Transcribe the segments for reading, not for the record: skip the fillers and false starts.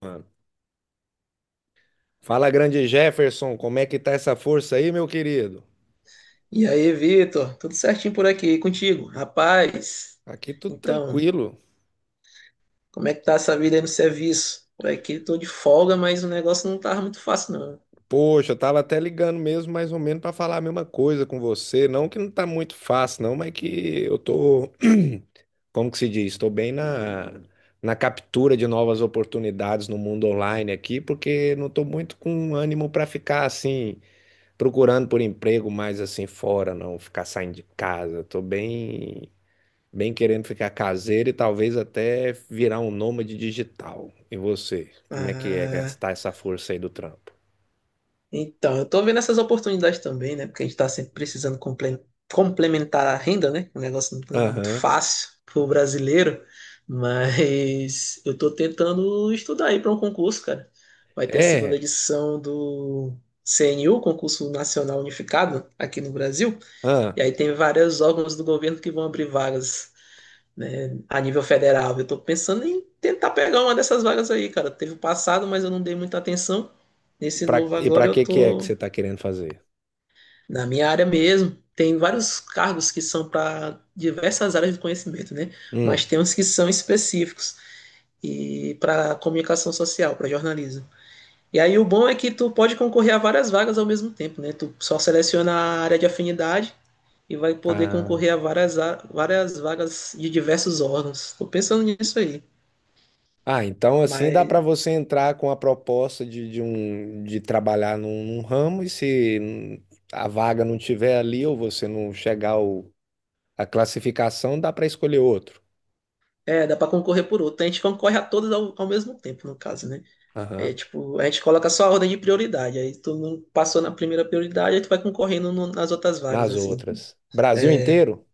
Mano. Fala, grande Jefferson, como é que tá essa força aí, meu querido? E aí, Vitor? Tudo certinho por aqui e contigo? Rapaz, Aqui tudo então, tranquilo. como é que tá essa vida aí no serviço? Por aqui tô de folga, mas o negócio não tava muito fácil, não. Poxa, eu tava até ligando mesmo, mais ou menos, pra falar a mesma coisa com você. Não que não tá muito fácil, não, mas que eu tô, como que se diz? Estou bem na, na captura de novas oportunidades no mundo online aqui, porque não tô muito com ânimo pra ficar assim, procurando por emprego mais assim fora, não, ficar saindo de casa. Tô bem bem querendo ficar caseiro e talvez até virar um nômade digital. E você? Como é que é Ah, gastar essa força aí do trampo? então, eu tô vendo essas oportunidades também, né? Porque a gente tá sempre precisando complementar a renda, né? O negócio não anda muito Aham. fácil pro brasileiro, mas eu tô tentando estudar aí para um concurso, cara. Vai ter a segunda É. edição do CNU, Concurso Nacional Unificado, aqui no Brasil. Ah. E aí tem vários órgãos do governo que vão abrir vagas, né, a nível federal. Eu estou pensando em tentar pegar uma dessas vagas aí, cara. Teve o passado, mas eu não dei muita atenção. E Nesse novo e agora pra eu que que é que tô você tá querendo fazer? na minha área mesmo. Tem vários cargos que são para diversas áreas de conhecimento, né? Mas Hum. tem uns que são específicos e para comunicação social, para jornalismo. E aí o bom é que tu pode concorrer a várias vagas ao mesmo tempo, né? Tu só seleciona a área de afinidade e vai poder Ah. concorrer a várias, várias vagas de diversos órgãos. Tô pensando nisso aí. Ah, então assim dá pra Mas você entrar com a proposta de um de trabalhar num, num ramo e se a vaga não tiver ali ou você não chegar ao, a classificação, dá pra escolher outro. é, dá para concorrer por outro. A gente concorre a todas ao mesmo tempo, no caso, né? É Aham. tipo, a gente coloca só a ordem de prioridade. Aí tu não passou na primeira prioridade, aí tu vai concorrendo nas outras vagas, Nas assim. outras. Brasil inteiro?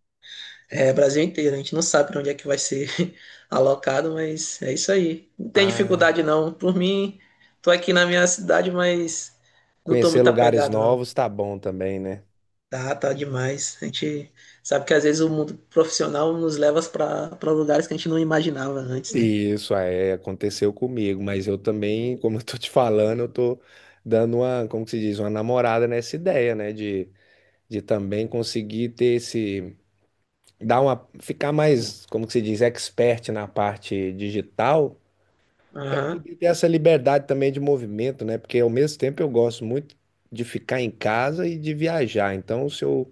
É, Brasil inteiro, a gente não sabe para onde é que vai ser alocado, mas é isso aí. Não tem Ah. dificuldade não. Por mim, tô aqui na minha cidade, mas não tô Conhecer muito lugares apegado não. novos tá bom também, né? Tá, tá demais. A gente sabe que às vezes o mundo profissional nos leva para lugares que a gente não imaginava antes, né? E isso é, aconteceu comigo, mas eu também, como eu tô te falando, eu tô dando uma, como que se diz, uma namorada nessa ideia, né? De também conseguir ter esse, dar uma, ficar mais, como que se diz, expert na parte digital, Aham, poder ter essa liberdade também de movimento, né? Porque ao mesmo tempo eu gosto muito de ficar em casa e de viajar. Então, se eu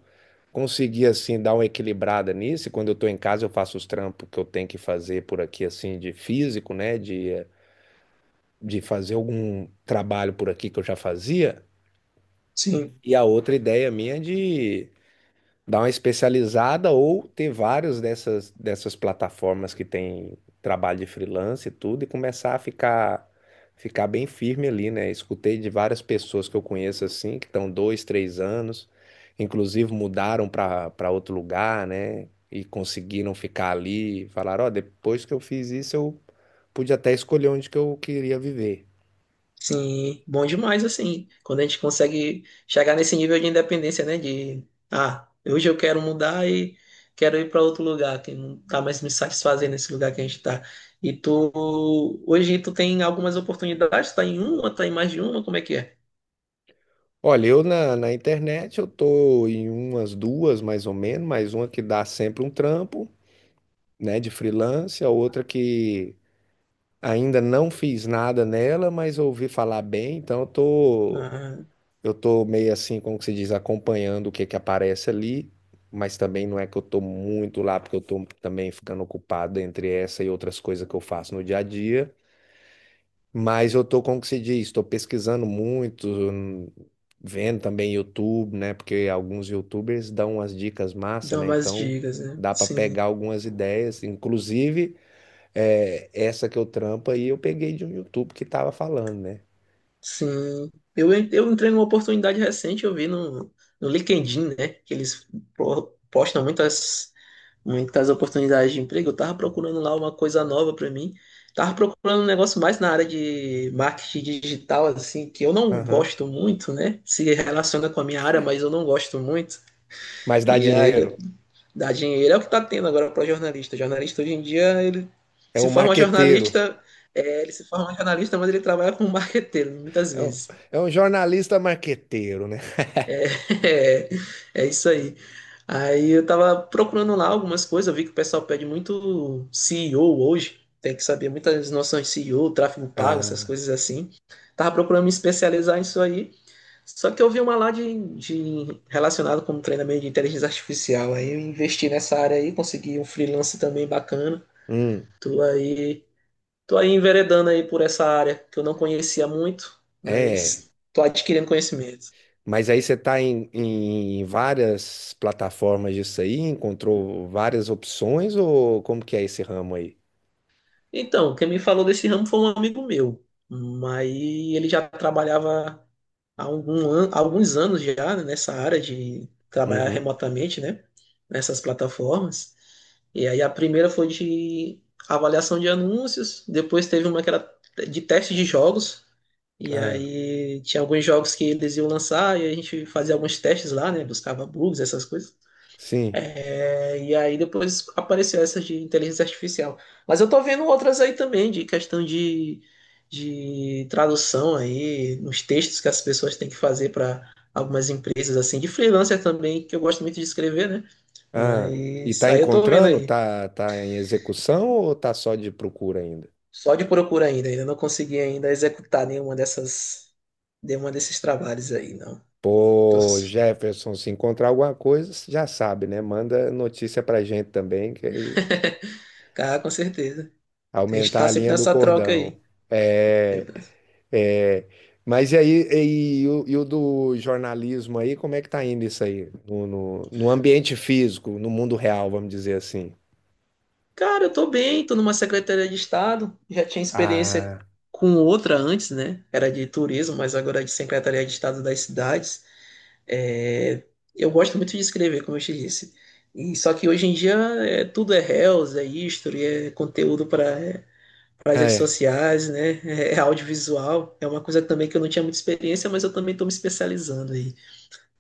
conseguir assim dar uma equilibrada nisso, e quando eu tô em casa eu faço os trampos que eu tenho que fazer por aqui assim de físico, né, de fazer algum trabalho por aqui que eu já fazia. sim. E a outra ideia minha é de dar uma especializada ou ter várias dessas, dessas plataformas que tem trabalho de freelance e tudo e começar a ficar ficar bem firme ali, né? Escutei de várias pessoas que eu conheço assim, que estão dois, três anos, inclusive mudaram para outro lugar, né? E conseguiram ficar ali, falaram, ó, depois que eu fiz isso, eu pude até escolher onde que eu queria viver. Sim, bom demais assim. Quando a gente consegue chegar nesse nível de independência, né? De, ah, hoje eu quero mudar e quero ir para outro lugar que não tá mais me satisfazendo nesse lugar que a gente tá. E tu, hoje tu tem algumas oportunidades, tá em uma, tá em mais de uma, como é que é? Olha, eu na, na internet eu tô em umas duas mais ou menos, mais uma que dá sempre um trampo, né, de freelance, a outra que ainda não fiz nada nela, mas ouvi falar bem, então Ah, eu tô meio assim, como que se diz, acompanhando o que que aparece ali, mas também não é que eu tô muito lá, porque eu tô também ficando ocupado entre essa e outras coisas que eu faço no dia a dia, mas eu tô, como que se diz, tô pesquisando muito, vendo também YouTube, né, porque alguns YouTubers dão umas dicas massa, dá né, umas então dicas, né? dá para Sim. pegar algumas ideias, inclusive é, essa que eu trampo aí eu peguei de um YouTube que tava falando, né? Sim, eu entrei numa oportunidade recente, eu vi no LinkedIn, né, que eles postam muitas oportunidades de emprego. Eu tava procurando lá uma coisa nova para mim, tava procurando um negócio mais na área de marketing digital, assim, que eu não Aham. gosto muito, né, se relaciona com a minha área, mas eu não gosto muito. Mas dá E aí eu dinheiro. dá dinheiro é o que tá tendo agora para jornalista. Jornalista hoje em dia, ele É se um forma marqueteiro. jornalista, é, ele se forma jornalista, mas ele trabalha como marqueteiro, muitas É um, vezes. é um jornalista marqueteiro, né? É, é isso aí. Aí eu tava procurando lá algumas coisas, eu vi que o pessoal pede muito CEO hoje, tem que saber muitas noções de CEO, tráfego pago, essas Ah, coisas assim. Tava procurando me especializar nisso aí, só que eu vi uma lá de relacionado com treinamento de inteligência artificial, aí eu investi nessa área aí, consegui um freelance também bacana. hum, Tô aí, tô aí enveredando aí por essa área que eu não conhecia muito, é. mas tô adquirindo conhecimento. Mas aí você tá em, em várias plataformas disso aí, encontrou várias opções ou como que é esse ramo aí? Então, quem me falou desse ramo foi um amigo meu, mas ele já trabalhava há alguns anos já né, nessa área de trabalhar Uhum. remotamente, né? Nessas plataformas. E aí a primeira foi de avaliação de anúncios, depois teve uma que era de teste de jogos, e Ah, aí tinha alguns jogos que eles iam lançar e a gente fazia alguns testes lá, né? Buscava bugs, essas coisas. sim. É, e aí depois apareceu essa de inteligência artificial. Mas eu tô vendo outras aí também, de questão de tradução aí, nos textos que as pessoas têm que fazer para algumas empresas, assim, de freelancer também, que eu gosto muito de escrever, né? Ah, e Mas tá aí eu tô vendo encontrando? aí. Tá, tá em execução ou tá só de procura ainda? Só de procura ainda, ainda não consegui ainda executar nenhuma dessas, nenhuma desses trabalhos aí, não. Tô, Pô, Jefferson, se encontrar alguma coisa, você já sabe, né? Manda notícia pra gente também, que aí ah, com certeza. A gente aumentar tá a sempre linha do nessa troca cordão. aí, né? É, é. Mas e aí, e o do jornalismo aí, como é que tá indo isso aí? No ambiente físico, no mundo real, vamos dizer assim. Cara, eu tô bem, tô numa secretaria de Estado, já tinha experiência Ah, com outra antes, né? Era de turismo, mas agora é de secretaria de Estado das cidades. É, eu gosto muito de escrever, como eu te disse. E só que hoje em dia é, tudo é reels, é history, é conteúdo para as redes é, sociais, né? É, é audiovisual. É uma coisa também que eu não tinha muita experiência, mas eu também estou me especializando aí.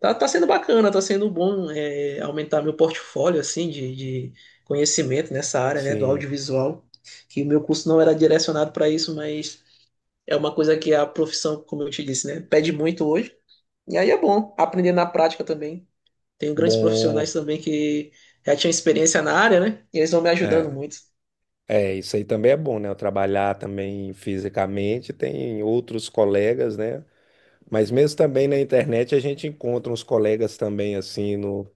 Tá, tá sendo bacana, tá sendo bom é, aumentar meu portfólio assim de conhecimento nessa área, né, do sim. audiovisual, que o meu curso não era direcionado para isso, mas é uma coisa que a profissão, como eu te disse, né, pede muito hoje. E aí é bom aprender na prática também. Tenho grandes profissionais Bom, também que já tinham experiência na área, né? E eles vão me ajudando é. muito. É, isso aí também é bom, né? Eu trabalhar também fisicamente, tem outros colegas, né? Mas mesmo também na internet a gente encontra uns colegas também assim no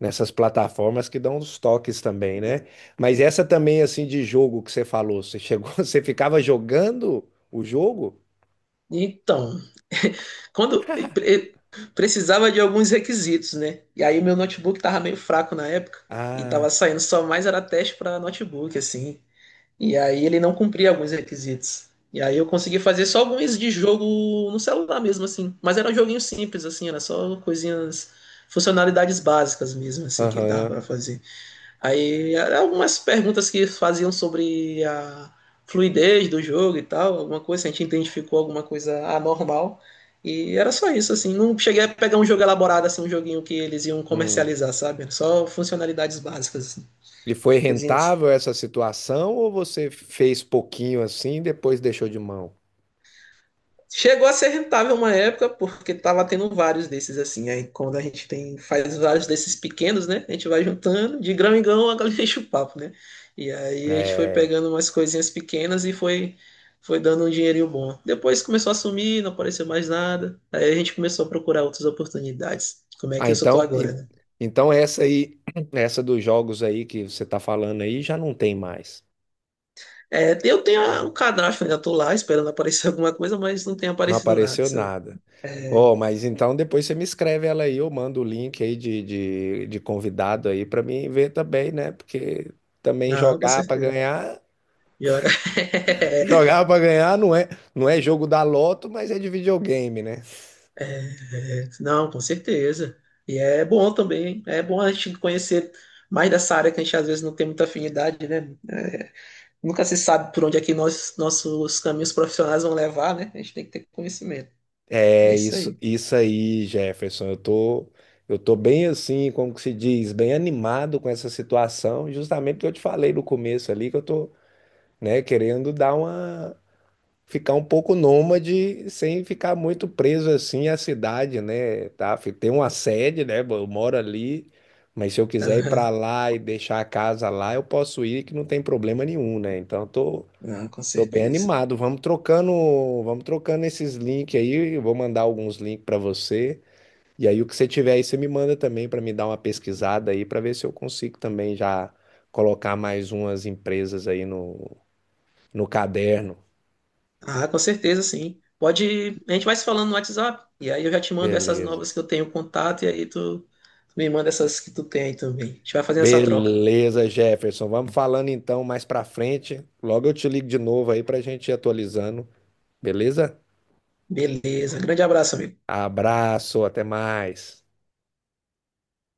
nessas plataformas que dão uns toques também, né? Mas essa também assim de jogo que você falou, você chegou, você ficava jogando o jogo? Então, Quando pre- precisava de alguns requisitos, né? E aí meu notebook tava meio fraco na época e tava Ah, saindo só mais era teste para notebook assim. E aí ele não cumpria alguns requisitos. E aí eu consegui fazer só alguns de jogo no celular mesmo assim, mas era um joguinho simples assim, era só coisinhas, funcionalidades básicas mesmo assim que ele dava aham. para fazer. Aí eram algumas perguntas que faziam sobre a fluidez do jogo e tal, alguma coisa, se a gente identificou alguma coisa anormal. E era só isso, assim. Não cheguei a pegar um jogo elaborado, assim, um joguinho que eles iam Hum. comercializar, sabe? Era só funcionalidades básicas, assim, E foi coisinhas. rentável essa situação ou você fez pouquinho assim e depois deixou de mão? Chegou a ser rentável uma época, porque tava tendo vários desses assim. Aí quando a gente tem, faz vários desses pequenos, né? A gente vai juntando, de grão em grão, a galinha enche o papo, né? E aí a gente foi É. pegando umas coisinhas pequenas e foi dando um dinheirinho bom. Depois começou a sumir, não apareceu mais nada. Aí a gente começou a procurar outras oportunidades. Como é Ah, que eu só tô então, agora, né? então essa aí, essa dos jogos aí que você tá falando aí já não tem mais. É, eu tenho um cadastro, ainda tô lá esperando aparecer alguma coisa, mas não tem Não aparecido nada, apareceu sabe? nada. É, Ó, mas então depois você me escreve ela aí, eu mando o link aí de convidado aí pra mim ver também, né? Porque também não, com jogar pra certeza. ganhar, Joga. jogar pra ganhar não é, não é jogo da loto, mas é de videogame, né? É, não, com certeza. E é bom também, é bom a gente conhecer mais dessa área que a gente às vezes não tem muita afinidade, né? É, nunca se sabe por onde é que nós, nossos caminhos profissionais vão levar, né? A gente tem que ter conhecimento. É É isso isso, aí. isso aí, Jefferson. Eu tô bem assim, como que se diz, bem animado com essa situação, justamente porque eu te falei no começo ali que eu tô, né, querendo dar uma ficar um pouco nômade sem ficar muito preso assim à cidade, né? Tá? Tem uma sede, né? Eu moro ali, mas se eu quiser ir Aham. para lá e deixar a casa lá, eu posso ir que não tem problema nenhum, né? Então eu tô Não, com tô bem certeza. animado. Vamos trocando esses links aí. Eu vou mandar alguns links para você. E aí o que você tiver aí, você me manda também para me dar uma pesquisada aí para ver se eu consigo também já colocar mais umas empresas aí no, no caderno. Ah, com certeza, sim. Pode, a gente vai se falando no WhatsApp, e aí eu já te mando essas Beleza. novas que eu tenho contato, e aí tu me manda essas que tu tem aí também. A gente vai fazendo essa troca. Beleza, Jefferson. Vamos falando então mais pra frente. Logo eu te ligo de novo aí pra gente ir atualizando. Beleza? Beleza. Grande abraço, amigo. Abraço, até mais.